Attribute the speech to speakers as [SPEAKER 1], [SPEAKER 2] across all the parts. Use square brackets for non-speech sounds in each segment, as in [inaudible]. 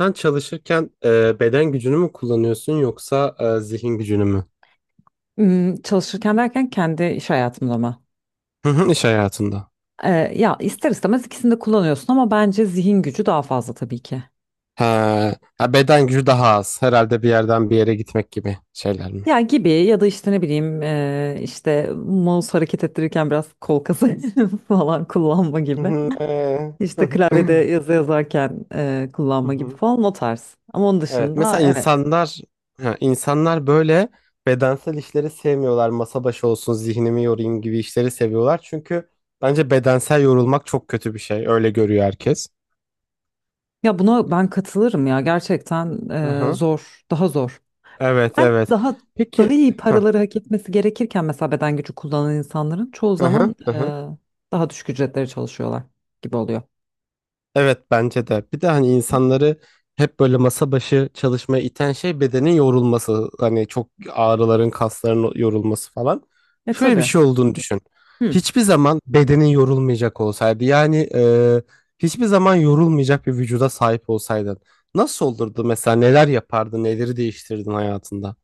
[SPEAKER 1] Sen çalışırken beden gücünü mü kullanıyorsun yoksa zihin gücünü mü?
[SPEAKER 2] Çalışırken derken kendi iş hayatımda mı?
[SPEAKER 1] Hı hı, iş hayatında.
[SPEAKER 2] Ee, Ya ister istemez ikisini de kullanıyorsun ama bence zihin gücü daha fazla tabii ki.
[SPEAKER 1] Ha, ha, beden gücü daha az. Herhalde bir yerden bir yere gitmek gibi şeyler mi?
[SPEAKER 2] Ya gibi ya da işte ne bileyim işte mouse hareket ettirirken biraz kol kası [laughs] falan kullanma
[SPEAKER 1] Hı
[SPEAKER 2] gibi.
[SPEAKER 1] hı,
[SPEAKER 2] İşte
[SPEAKER 1] hı hı,
[SPEAKER 2] klavyede
[SPEAKER 1] [laughs]
[SPEAKER 2] yazı yazarken
[SPEAKER 1] hı
[SPEAKER 2] kullanma gibi
[SPEAKER 1] hı.
[SPEAKER 2] falan o tarz. Ama onun
[SPEAKER 1] Evet,
[SPEAKER 2] dışında
[SPEAKER 1] mesela
[SPEAKER 2] evet.
[SPEAKER 1] insanlar ha, insanlar böyle bedensel işleri sevmiyorlar. Masa başı olsun, zihnimi yorayım gibi işleri seviyorlar. Çünkü bence bedensel yorulmak çok kötü bir şey. Öyle görüyor herkes.
[SPEAKER 2] Ya buna ben katılırım ya gerçekten
[SPEAKER 1] Hı hı.
[SPEAKER 2] zor daha zor.
[SPEAKER 1] Evet,
[SPEAKER 2] Ben
[SPEAKER 1] evet.
[SPEAKER 2] daha daha
[SPEAKER 1] Peki.
[SPEAKER 2] iyi
[SPEAKER 1] Hı
[SPEAKER 2] paraları hak etmesi gerekirken mesela beden gücü kullanan insanların çoğu
[SPEAKER 1] hı,
[SPEAKER 2] zaman
[SPEAKER 1] hı hı.
[SPEAKER 2] daha düşük ücretlere çalışıyorlar gibi oluyor.
[SPEAKER 1] Evet bence de. Bir de hani insanları hep böyle masa başı çalışmaya iten şey bedenin yorulması. Hani çok ağrıların, kasların yorulması falan.
[SPEAKER 2] E
[SPEAKER 1] Şöyle bir
[SPEAKER 2] tabii.
[SPEAKER 1] şey olduğunu düşün.
[SPEAKER 2] Hı.
[SPEAKER 1] Hiçbir zaman bedenin yorulmayacak olsaydı yani hiçbir zaman yorulmayacak bir vücuda sahip olsaydın. Nasıl olurdu mesela neler yapardın, neleri değiştirdin hayatında?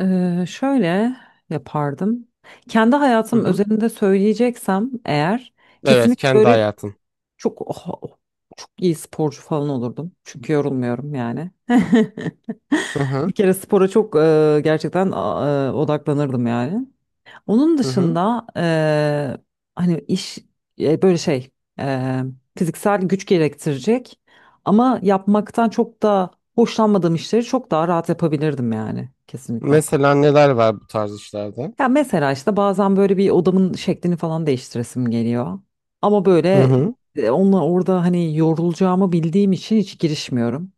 [SPEAKER 2] Şöyle yapardım. Kendi
[SPEAKER 1] Hı
[SPEAKER 2] hayatım
[SPEAKER 1] hı.
[SPEAKER 2] özelinde söyleyeceksem eğer
[SPEAKER 1] Evet
[SPEAKER 2] kesinlikle
[SPEAKER 1] kendi
[SPEAKER 2] böyle
[SPEAKER 1] hayatın.
[SPEAKER 2] çok çok iyi sporcu falan olurdum. Çünkü yorulmuyorum yani. [laughs]
[SPEAKER 1] Hı
[SPEAKER 2] Bir
[SPEAKER 1] hı.
[SPEAKER 2] kere spora çok gerçekten odaklanırdım yani. Onun
[SPEAKER 1] Hı hı.
[SPEAKER 2] dışında hani iş böyle şey eee, fiziksel güç gerektirecek ama yapmaktan çok da hoşlanmadığım işleri çok daha rahat yapabilirdim yani kesinlikle.
[SPEAKER 1] Mesela neler var bu tarz işlerde?
[SPEAKER 2] Ya mesela işte bazen böyle bir odamın şeklini falan değiştiresim geliyor. Ama
[SPEAKER 1] Hı
[SPEAKER 2] böyle
[SPEAKER 1] hı.
[SPEAKER 2] onunla orada hani yorulacağımı bildiğim için hiç girişmiyorum.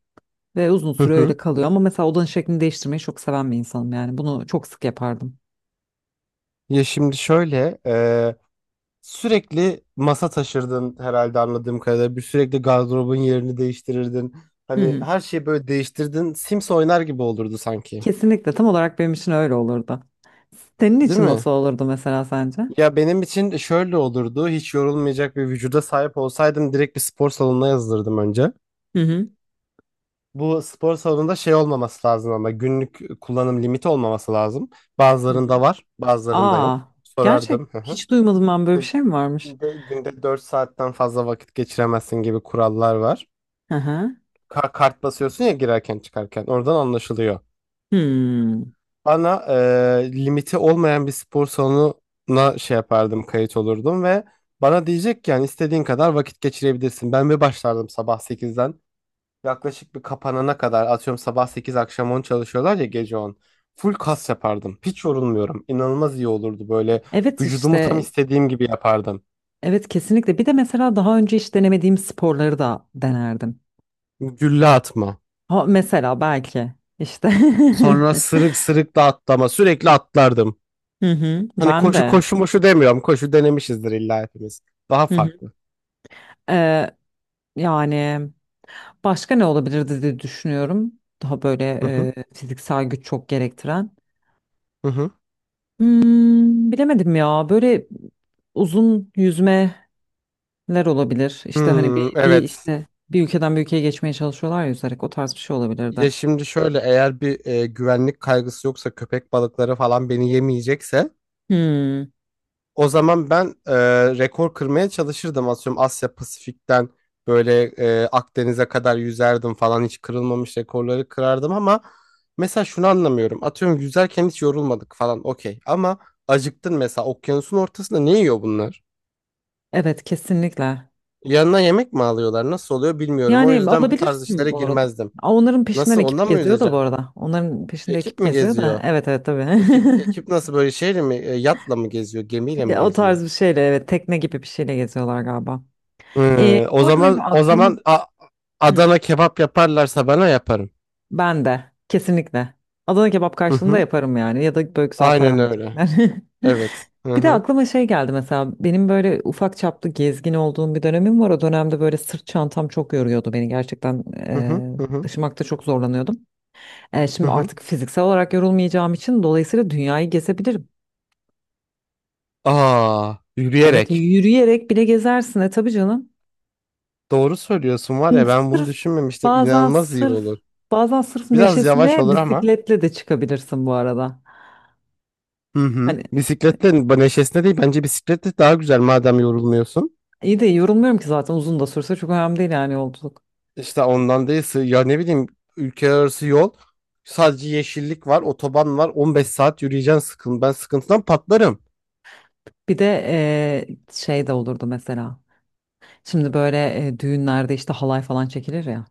[SPEAKER 2] Ve uzun
[SPEAKER 1] Hı
[SPEAKER 2] süre
[SPEAKER 1] hı.
[SPEAKER 2] öyle kalıyor. Ama mesela odanın şeklini değiştirmeyi çok seven bir insanım yani. Bunu çok sık yapardım.
[SPEAKER 1] Ya şimdi şöyle, sürekli masa taşırdın herhalde anladığım kadarıyla. Bir sürekli gardırobun yerini değiştirirdin.
[SPEAKER 2] Hı
[SPEAKER 1] Hani
[SPEAKER 2] hı.
[SPEAKER 1] her şeyi böyle değiştirdin. Sims oynar gibi olurdu sanki.
[SPEAKER 2] Kesinlikle tam olarak benim için öyle olurdu. Senin
[SPEAKER 1] Değil
[SPEAKER 2] için
[SPEAKER 1] mi?
[SPEAKER 2] nasıl olurdu mesela sence?
[SPEAKER 1] Ya benim için şöyle olurdu. Hiç yorulmayacak bir vücuda sahip olsaydım direkt bir spor salonuna yazılırdım önce.
[SPEAKER 2] Hı hı.
[SPEAKER 1] Bu spor salonunda şey olmaması lazım ama günlük kullanım limiti olmaması lazım.
[SPEAKER 2] Hı
[SPEAKER 1] Bazılarında
[SPEAKER 2] hı.
[SPEAKER 1] var, bazılarında
[SPEAKER 2] Aa,
[SPEAKER 1] yok.
[SPEAKER 2] gerçek
[SPEAKER 1] Sorardım. Hı hı.
[SPEAKER 2] hiç duymadım, ben böyle
[SPEAKER 1] İşte
[SPEAKER 2] bir şey mi varmış?
[SPEAKER 1] günde 4 saatten fazla vakit geçiremezsin gibi kurallar var.
[SPEAKER 2] Hı hı.
[SPEAKER 1] Kart basıyorsun ya girerken çıkarken oradan anlaşılıyor.
[SPEAKER 2] Hmm.
[SPEAKER 1] Bana limiti olmayan bir spor salonuna şey yapardım, kayıt olurdum ve bana diyecek ki yani istediğin kadar vakit geçirebilirsin. Ben bir başlardım sabah sekizden yaklaşık bir kapanana kadar, atıyorum sabah 8 akşam 10 çalışıyorlar ya, gece on. Full kas yapardım. Hiç yorulmuyorum. İnanılmaz iyi olurdu böyle,
[SPEAKER 2] Evet
[SPEAKER 1] vücudumu tam
[SPEAKER 2] işte
[SPEAKER 1] istediğim gibi yapardım.
[SPEAKER 2] evet kesinlikle. Bir de mesela daha önce hiç denemediğim sporları da denerdim.
[SPEAKER 1] Gülle atma.
[SPEAKER 2] Ha, mesela belki işte [laughs]
[SPEAKER 1] Sonra sırık sırık da atlama sürekli atlardım.
[SPEAKER 2] Hı hı.
[SPEAKER 1] Hani
[SPEAKER 2] Ben
[SPEAKER 1] koşu
[SPEAKER 2] de.
[SPEAKER 1] koşu moşu demiyorum. Koşu denemişizdir illa hepimiz. Daha
[SPEAKER 2] Hı hı.
[SPEAKER 1] farklı.
[SPEAKER 2] Ee, Yani başka ne olabilirdi diye düşünüyorum. Daha böyle
[SPEAKER 1] Hı hı.
[SPEAKER 2] fiziksel güç çok gerektiren.
[SPEAKER 1] Hı hı.
[SPEAKER 2] Hmm, bilemedim ya. Böyle uzun yüzmeler olabilir. İşte hani
[SPEAKER 1] Hmm,
[SPEAKER 2] bir
[SPEAKER 1] evet.
[SPEAKER 2] işte bir ülkeden bir ülkeye geçmeye çalışıyorlar ya yüzerek. O tarz bir şey olabilir
[SPEAKER 1] Ya
[SPEAKER 2] de.
[SPEAKER 1] şimdi şöyle, eğer bir güvenlik kaygısı yoksa, köpek balıkları falan beni yemeyecekse,
[SPEAKER 2] Hmm,
[SPEAKER 1] o zaman ben rekor kırmaya çalışırdım. Atıyorum Asya Pasifik'ten böyle Akdeniz'e kadar yüzerdim falan, hiç kırılmamış rekorları kırardım ama mesela şunu anlamıyorum. Atıyorum yüzerken hiç yorulmadık falan, okey, ama acıktın mesela okyanusun ortasında, ne yiyor bunlar?
[SPEAKER 2] evet kesinlikle.
[SPEAKER 1] Yanına yemek mi alıyorlar? Nasıl oluyor bilmiyorum. O
[SPEAKER 2] Yani
[SPEAKER 1] yüzden bu tarz
[SPEAKER 2] alabilirsin
[SPEAKER 1] işlere
[SPEAKER 2] bu arada.
[SPEAKER 1] girmezdim.
[SPEAKER 2] Aa, onların peşinden
[SPEAKER 1] Nasıl,
[SPEAKER 2] ekip
[SPEAKER 1] ondan mı
[SPEAKER 2] geziyor da bu
[SPEAKER 1] yüzeceğim?
[SPEAKER 2] arada. Onların peşinde
[SPEAKER 1] Ekip
[SPEAKER 2] ekip
[SPEAKER 1] mi
[SPEAKER 2] geziyor da.
[SPEAKER 1] geziyor?
[SPEAKER 2] Evet evet tabii.
[SPEAKER 1] Ekip ekip nasıl böyle şeyle mi yatla mı geziyor?
[SPEAKER 2] [laughs]
[SPEAKER 1] Gemiyle mi
[SPEAKER 2] Ya, o
[SPEAKER 1] geziyor?
[SPEAKER 2] tarz bir şeyle evet, tekne gibi bir şeyle geziyorlar galiba.
[SPEAKER 1] Hı, o
[SPEAKER 2] Bu arada benim
[SPEAKER 1] zaman o
[SPEAKER 2] aklımı
[SPEAKER 1] zaman
[SPEAKER 2] Hı.
[SPEAKER 1] Adana kebap yaparlarsa bana, yaparım.
[SPEAKER 2] Ben de. Kesinlikle. Adana kebap
[SPEAKER 1] Hı
[SPEAKER 2] karşılığında
[SPEAKER 1] hı.
[SPEAKER 2] yaparım yani. Ya da böyle güzel para
[SPEAKER 1] Aynen öyle.
[SPEAKER 2] verecekler. [laughs]
[SPEAKER 1] Evet. Hı
[SPEAKER 2] Bir de
[SPEAKER 1] hı.
[SPEAKER 2] aklıma şey geldi mesela. Benim böyle ufak çaplı gezgin olduğum bir dönemim var. O dönemde böyle sırt çantam çok yoruyordu beni. Gerçekten
[SPEAKER 1] Hı hı. Hı hı.
[SPEAKER 2] taşımakta çok zorlanıyordum.
[SPEAKER 1] Hı
[SPEAKER 2] Şimdi
[SPEAKER 1] hı.
[SPEAKER 2] artık fiziksel olarak yorulmayacağım için dolayısıyla dünyayı gezebilirim.
[SPEAKER 1] Aa,
[SPEAKER 2] Evet
[SPEAKER 1] yürüyerek.
[SPEAKER 2] yürüyerek bile gezersin. E tabii canım.
[SPEAKER 1] Doğru söylüyorsun var
[SPEAKER 2] Hı,
[SPEAKER 1] ya, ben bunu
[SPEAKER 2] Sırf
[SPEAKER 1] düşünmemiştim.
[SPEAKER 2] bazen
[SPEAKER 1] İnanılmaz iyi
[SPEAKER 2] sırf
[SPEAKER 1] olur.
[SPEAKER 2] sırf
[SPEAKER 1] Biraz yavaş
[SPEAKER 2] neşesine
[SPEAKER 1] olur ama.
[SPEAKER 2] bisikletle de çıkabilirsin bu arada.
[SPEAKER 1] Hı hı.
[SPEAKER 2] Hani
[SPEAKER 1] Bisikletle neşesine değil, bence bisikletle daha güzel madem yorulmuyorsun.
[SPEAKER 2] İyi de yorulmuyorum ki zaten, uzun da sürse çok önemli değil yani yolculuk.
[SPEAKER 1] İşte ondan değil ya ne bileyim, ülke arası yol, sadece yeşillik var, otoban var, 15 saat yürüyeceksin sıkın, ben sıkıntıdan patlarım.
[SPEAKER 2] Bir de şey de olurdu mesela. Şimdi böyle düğünlerde işte halay falan çekilir ya.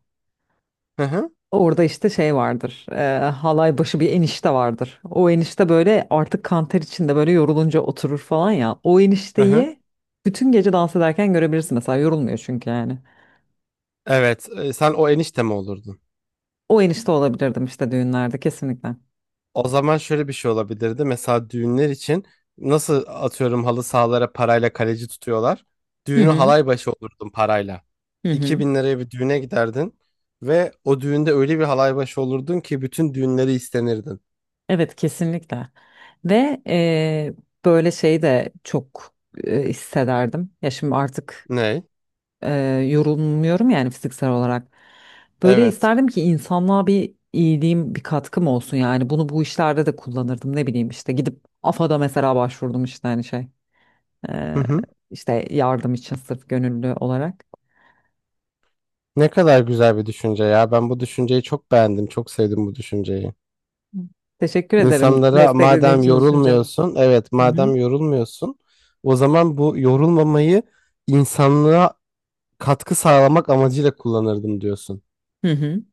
[SPEAKER 1] Hı hı.
[SPEAKER 2] Orada işte şey vardır. Halay başı bir enişte vardır. O enişte böyle artık kanter içinde böyle yorulunca oturur falan ya. O
[SPEAKER 1] Hı hı.
[SPEAKER 2] enişteyi bütün gece dans ederken görebilirsin mesela, yorulmuyor çünkü yani.
[SPEAKER 1] Evet, sen o enişte mi olurdun?
[SPEAKER 2] O enişte olabilirdim işte düğünlerde kesinlikle.
[SPEAKER 1] O zaman şöyle bir şey olabilirdi. Mesela düğünler için, nasıl atıyorum halı sahalara parayla kaleci tutuyorlar,
[SPEAKER 2] Hı
[SPEAKER 1] düğünü
[SPEAKER 2] hı.
[SPEAKER 1] halay başı olurdun parayla.
[SPEAKER 2] Hı hı.
[SPEAKER 1] 2000 liraya bir düğüne giderdin ve o düğünde öyle bir halay başı olurdun ki bütün düğünleri istenirdin.
[SPEAKER 2] Evet kesinlikle ve böyle şey de çok hissederdim ya, şimdi artık
[SPEAKER 1] Ne?
[SPEAKER 2] eee, yorulmuyorum yani fiziksel olarak, böyle
[SPEAKER 1] Evet.
[SPEAKER 2] isterdim ki insanlığa bir iyiliğim bir katkım olsun yani, bunu bu işlerde de kullanırdım ne bileyim işte gidip AFA'da mesela başvurdum işte hani şey
[SPEAKER 1] Hı
[SPEAKER 2] eee,
[SPEAKER 1] hı.
[SPEAKER 2] işte yardım için sırf gönüllü olarak
[SPEAKER 1] Ne kadar güzel bir düşünce ya. Ben bu düşünceyi çok beğendim. Çok sevdim bu düşünceyi.
[SPEAKER 2] Hı. Teşekkür ederim
[SPEAKER 1] İnsanlara,
[SPEAKER 2] desteklediğin
[SPEAKER 1] madem
[SPEAKER 2] için düşüncemi.
[SPEAKER 1] yorulmuyorsun, evet
[SPEAKER 2] Hı hı.
[SPEAKER 1] madem yorulmuyorsun, o zaman bu yorulmamayı insanlığa katkı sağlamak amacıyla kullanırdım diyorsun.
[SPEAKER 2] Hı hı.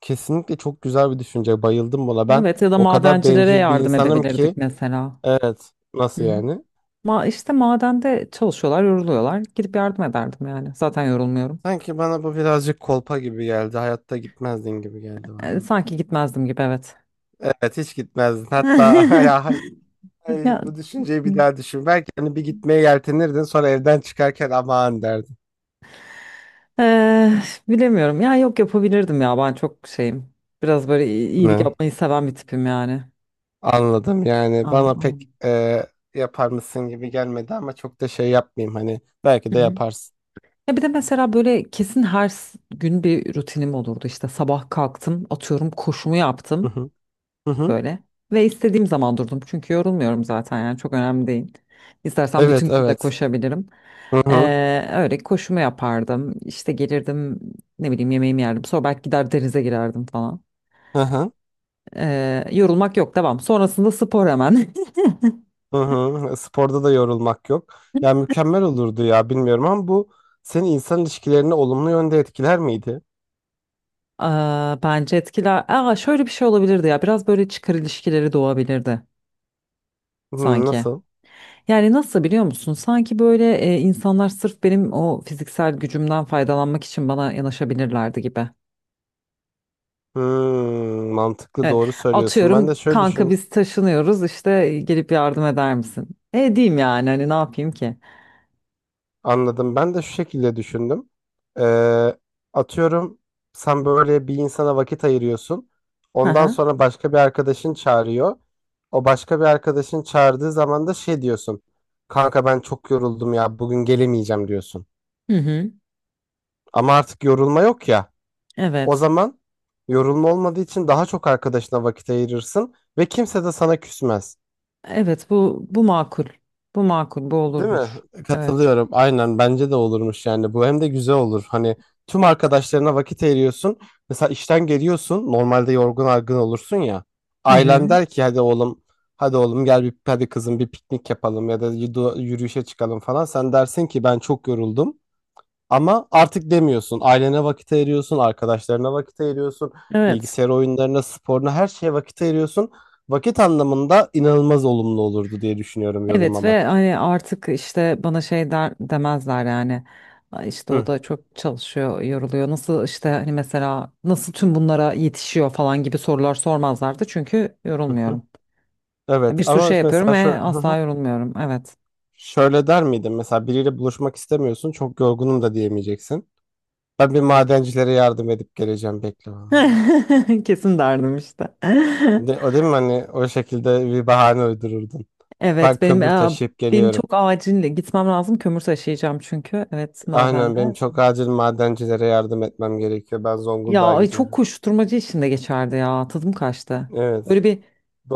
[SPEAKER 1] Kesinlikle çok güzel bir düşünce. Bayıldım buna. Ben
[SPEAKER 2] Evet ya da
[SPEAKER 1] o kadar
[SPEAKER 2] madencilere
[SPEAKER 1] bencil bir
[SPEAKER 2] yardım
[SPEAKER 1] insanım
[SPEAKER 2] edebilirdik
[SPEAKER 1] ki,
[SPEAKER 2] mesela.
[SPEAKER 1] evet. Nasıl
[SPEAKER 2] Hı hı.
[SPEAKER 1] yani?
[SPEAKER 2] İşte madende çalışıyorlar, yoruluyorlar. Gidip yardım ederdim yani. Zaten yorulmuyorum.
[SPEAKER 1] Sanki bana bu birazcık kolpa gibi geldi. Hayatta gitmezdin gibi geldi
[SPEAKER 2] E,
[SPEAKER 1] bana.
[SPEAKER 2] sanki gitmezdim gibi evet.
[SPEAKER 1] Evet hiç gitmezdin. Hatta [laughs] ya
[SPEAKER 2] [laughs]
[SPEAKER 1] ay,
[SPEAKER 2] Ya
[SPEAKER 1] bu düşünceyi bir daha düşün. Belki hani bir gitmeye yeltenirdin, sonra evden çıkarken aman derdin.
[SPEAKER 2] eee, bilemiyorum. Ya yok, yapabilirdim ya. Ben çok şeyim. Biraz böyle iyilik
[SPEAKER 1] Ne?
[SPEAKER 2] yapmayı seven bir tipim yani.
[SPEAKER 1] Anladım, yani
[SPEAKER 2] Aynen.
[SPEAKER 1] bana pek
[SPEAKER 2] Aynen.
[SPEAKER 1] yapar mısın gibi gelmedi ama çok da şey yapmayayım, hani belki de
[SPEAKER 2] Hı hı.
[SPEAKER 1] yaparsın.
[SPEAKER 2] Ya bir de mesela böyle kesin her gün bir rutinim olurdu. İşte sabah kalktım, atıyorum koşumu
[SPEAKER 1] Hı
[SPEAKER 2] yaptım.
[SPEAKER 1] hı. Hı hı.
[SPEAKER 2] Böyle. Ve istediğim zaman durdum. Çünkü yorulmuyorum zaten yani, çok önemli değil. İstersen
[SPEAKER 1] Evet,
[SPEAKER 2] bütün gün de
[SPEAKER 1] evet.
[SPEAKER 2] koşabilirim.
[SPEAKER 1] Hı hı,
[SPEAKER 2] Öyle koşumu yapardım. İşte gelirdim, ne bileyim, yemeğimi yerdim. Sonra belki gider denize girerdim falan.
[SPEAKER 1] hı hı,
[SPEAKER 2] Yorulmak yok, devam. Sonrasında spor hemen.
[SPEAKER 1] hı hı. Sporda da yorulmak yok. Ya mükemmel olurdu ya, bilmiyorum ama bu, senin insan ilişkilerini olumlu yönde etkiler miydi?
[SPEAKER 2] [laughs] Aa, bence etkiler. Aa, şöyle bir şey olabilirdi ya. Biraz böyle çıkar ilişkileri doğabilirdi
[SPEAKER 1] Hı,
[SPEAKER 2] sanki.
[SPEAKER 1] nasıl?
[SPEAKER 2] Yani nasıl biliyor musun? Sanki böyle insanlar sırf benim o fiziksel gücümden faydalanmak için bana yanaşabilirlerdi gibi.
[SPEAKER 1] Hmm, mantıklı,
[SPEAKER 2] Evet.
[SPEAKER 1] doğru söylüyorsun. Ben de
[SPEAKER 2] Atıyorum
[SPEAKER 1] şöyle
[SPEAKER 2] kanka
[SPEAKER 1] düşün,
[SPEAKER 2] biz taşınıyoruz işte, gelip yardım eder misin? E diyeyim yani hani, ne yapayım ki?
[SPEAKER 1] anladım. Ben de şu şekilde düşündüm. Ee, atıyorum sen böyle bir insana vakit ayırıyorsun.
[SPEAKER 2] Hı
[SPEAKER 1] Ondan
[SPEAKER 2] hı.
[SPEAKER 1] sonra başka bir arkadaşın çağırıyor. O başka bir arkadaşın çağırdığı zaman da şey diyorsun. Kanka ben çok yoruldum ya, bugün gelemeyeceğim, diyorsun.
[SPEAKER 2] Hı hı.
[SPEAKER 1] Ama artık yorulma yok ya. O
[SPEAKER 2] Evet.
[SPEAKER 1] zaman, yorulma olmadığı için daha çok arkadaşına vakit ayırırsın ve kimse de sana küsmez.
[SPEAKER 2] Evet bu makul. Bu makul, bu
[SPEAKER 1] Değil mi?
[SPEAKER 2] olurmuş. Evet.
[SPEAKER 1] Katılıyorum. Aynen bence de olurmuş yani. Bu hem de güzel olur. Hani tüm arkadaşlarına vakit ayırıyorsun. Mesela işten geliyorsun. Normalde yorgun argın olursun ya.
[SPEAKER 2] Hı
[SPEAKER 1] Ailen
[SPEAKER 2] hı.
[SPEAKER 1] der ki hadi oğlum, hadi oğlum, gel bir, hadi kızım bir piknik yapalım ya da yürüyüşe çıkalım falan. Sen dersin ki ben çok yoruldum. Ama artık demiyorsun. Ailene vakit ayırıyorsun, arkadaşlarına vakit ayırıyorsun,
[SPEAKER 2] Evet.
[SPEAKER 1] bilgisayar oyunlarına, sporuna, her şeye vakit ayırıyorsun. Vakit anlamında inanılmaz olumlu olurdu diye düşünüyorum
[SPEAKER 2] Evet ve
[SPEAKER 1] yorulmamak.
[SPEAKER 2] hani artık işte bana şey der, demezler yani. "Ay İşte o
[SPEAKER 1] Hı,
[SPEAKER 2] da çok çalışıyor, yoruluyor. Nasıl işte hani mesela nasıl tüm bunlara yetişiyor" falan gibi sorular sormazlardı. Çünkü
[SPEAKER 1] hı, hı.
[SPEAKER 2] yorulmuyorum.
[SPEAKER 1] Evet
[SPEAKER 2] Bir sürü
[SPEAKER 1] ama
[SPEAKER 2] şey yapıyorum
[SPEAKER 1] mesela şöyle,
[SPEAKER 2] ve asla yorulmuyorum. Evet.
[SPEAKER 1] şöyle der miydin? Mesela biriyle buluşmak istemiyorsun, çok yorgunum da diyemeyeceksin. "Ben bir madencilere yardım edip geleceğim, bekle bana."
[SPEAKER 2] [laughs] Kesin derdim işte. [laughs]
[SPEAKER 1] De, o değil mi, hani o şekilde bir bahane uydururdun. Ben
[SPEAKER 2] Evet benim
[SPEAKER 1] kömür taşıyıp
[SPEAKER 2] benim çok
[SPEAKER 1] geliyorum.
[SPEAKER 2] acil gitmem lazım. Kömür taşıyacağım çünkü. Evet
[SPEAKER 1] Aynen,
[SPEAKER 2] madende.
[SPEAKER 1] benim çok acil madencilere yardım etmem gerekiyor. Ben
[SPEAKER 2] Ya
[SPEAKER 1] Zonguldak'a
[SPEAKER 2] ay, çok
[SPEAKER 1] gidiyorum.
[SPEAKER 2] koşturmacı içinde geçerdi ya. Tadım kaçtı.
[SPEAKER 1] Evet,
[SPEAKER 2] Böyle bir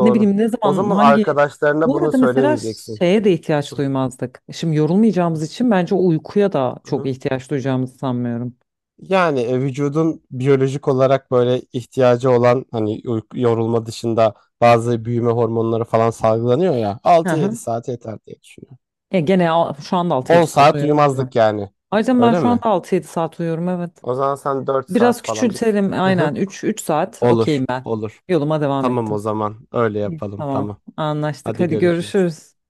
[SPEAKER 2] ne bileyim ne
[SPEAKER 1] O
[SPEAKER 2] zaman
[SPEAKER 1] zaman
[SPEAKER 2] hangi
[SPEAKER 1] arkadaşlarına
[SPEAKER 2] Bu
[SPEAKER 1] bunu
[SPEAKER 2] arada mesela
[SPEAKER 1] söylemeyeceksin.
[SPEAKER 2] şeye de ihtiyaç
[SPEAKER 1] Hı,
[SPEAKER 2] duymazdık. Şimdi yorulmayacağımız
[SPEAKER 1] hı,
[SPEAKER 2] için bence uykuya da çok
[SPEAKER 1] hı.
[SPEAKER 2] ihtiyaç duyacağımızı sanmıyorum.
[SPEAKER 1] Yani vücudun biyolojik olarak böyle ihtiyacı olan, hani yorulma dışında bazı büyüme hormonları falan salgılanıyor ya,
[SPEAKER 2] Hı
[SPEAKER 1] altı yedi
[SPEAKER 2] hı.
[SPEAKER 1] saat yeter diye düşünüyorum.
[SPEAKER 2] E, gene şu anda altı
[SPEAKER 1] 10
[SPEAKER 2] yedi saat
[SPEAKER 1] saat
[SPEAKER 2] uyuyorum, değil mi?
[SPEAKER 1] uyumazdık yani.
[SPEAKER 2] Ayrıca ben
[SPEAKER 1] Öyle
[SPEAKER 2] şu anda
[SPEAKER 1] mi?
[SPEAKER 2] 6-7 saat uyuyorum evet.
[SPEAKER 1] O zaman sen 4
[SPEAKER 2] Biraz
[SPEAKER 1] saat falan bir...
[SPEAKER 2] küçültelim
[SPEAKER 1] [laughs] Hı hı.
[SPEAKER 2] aynen, 3 saat
[SPEAKER 1] Olur,
[SPEAKER 2] okeyim ben.
[SPEAKER 1] olur.
[SPEAKER 2] Yoluma devam
[SPEAKER 1] Tamam o
[SPEAKER 2] ettim.
[SPEAKER 1] zaman öyle
[SPEAKER 2] İyi.
[SPEAKER 1] yapalım,
[SPEAKER 2] Tamam
[SPEAKER 1] tamam.
[SPEAKER 2] anlaştık,
[SPEAKER 1] Hadi
[SPEAKER 2] hadi
[SPEAKER 1] görüşürüz.
[SPEAKER 2] görüşürüz.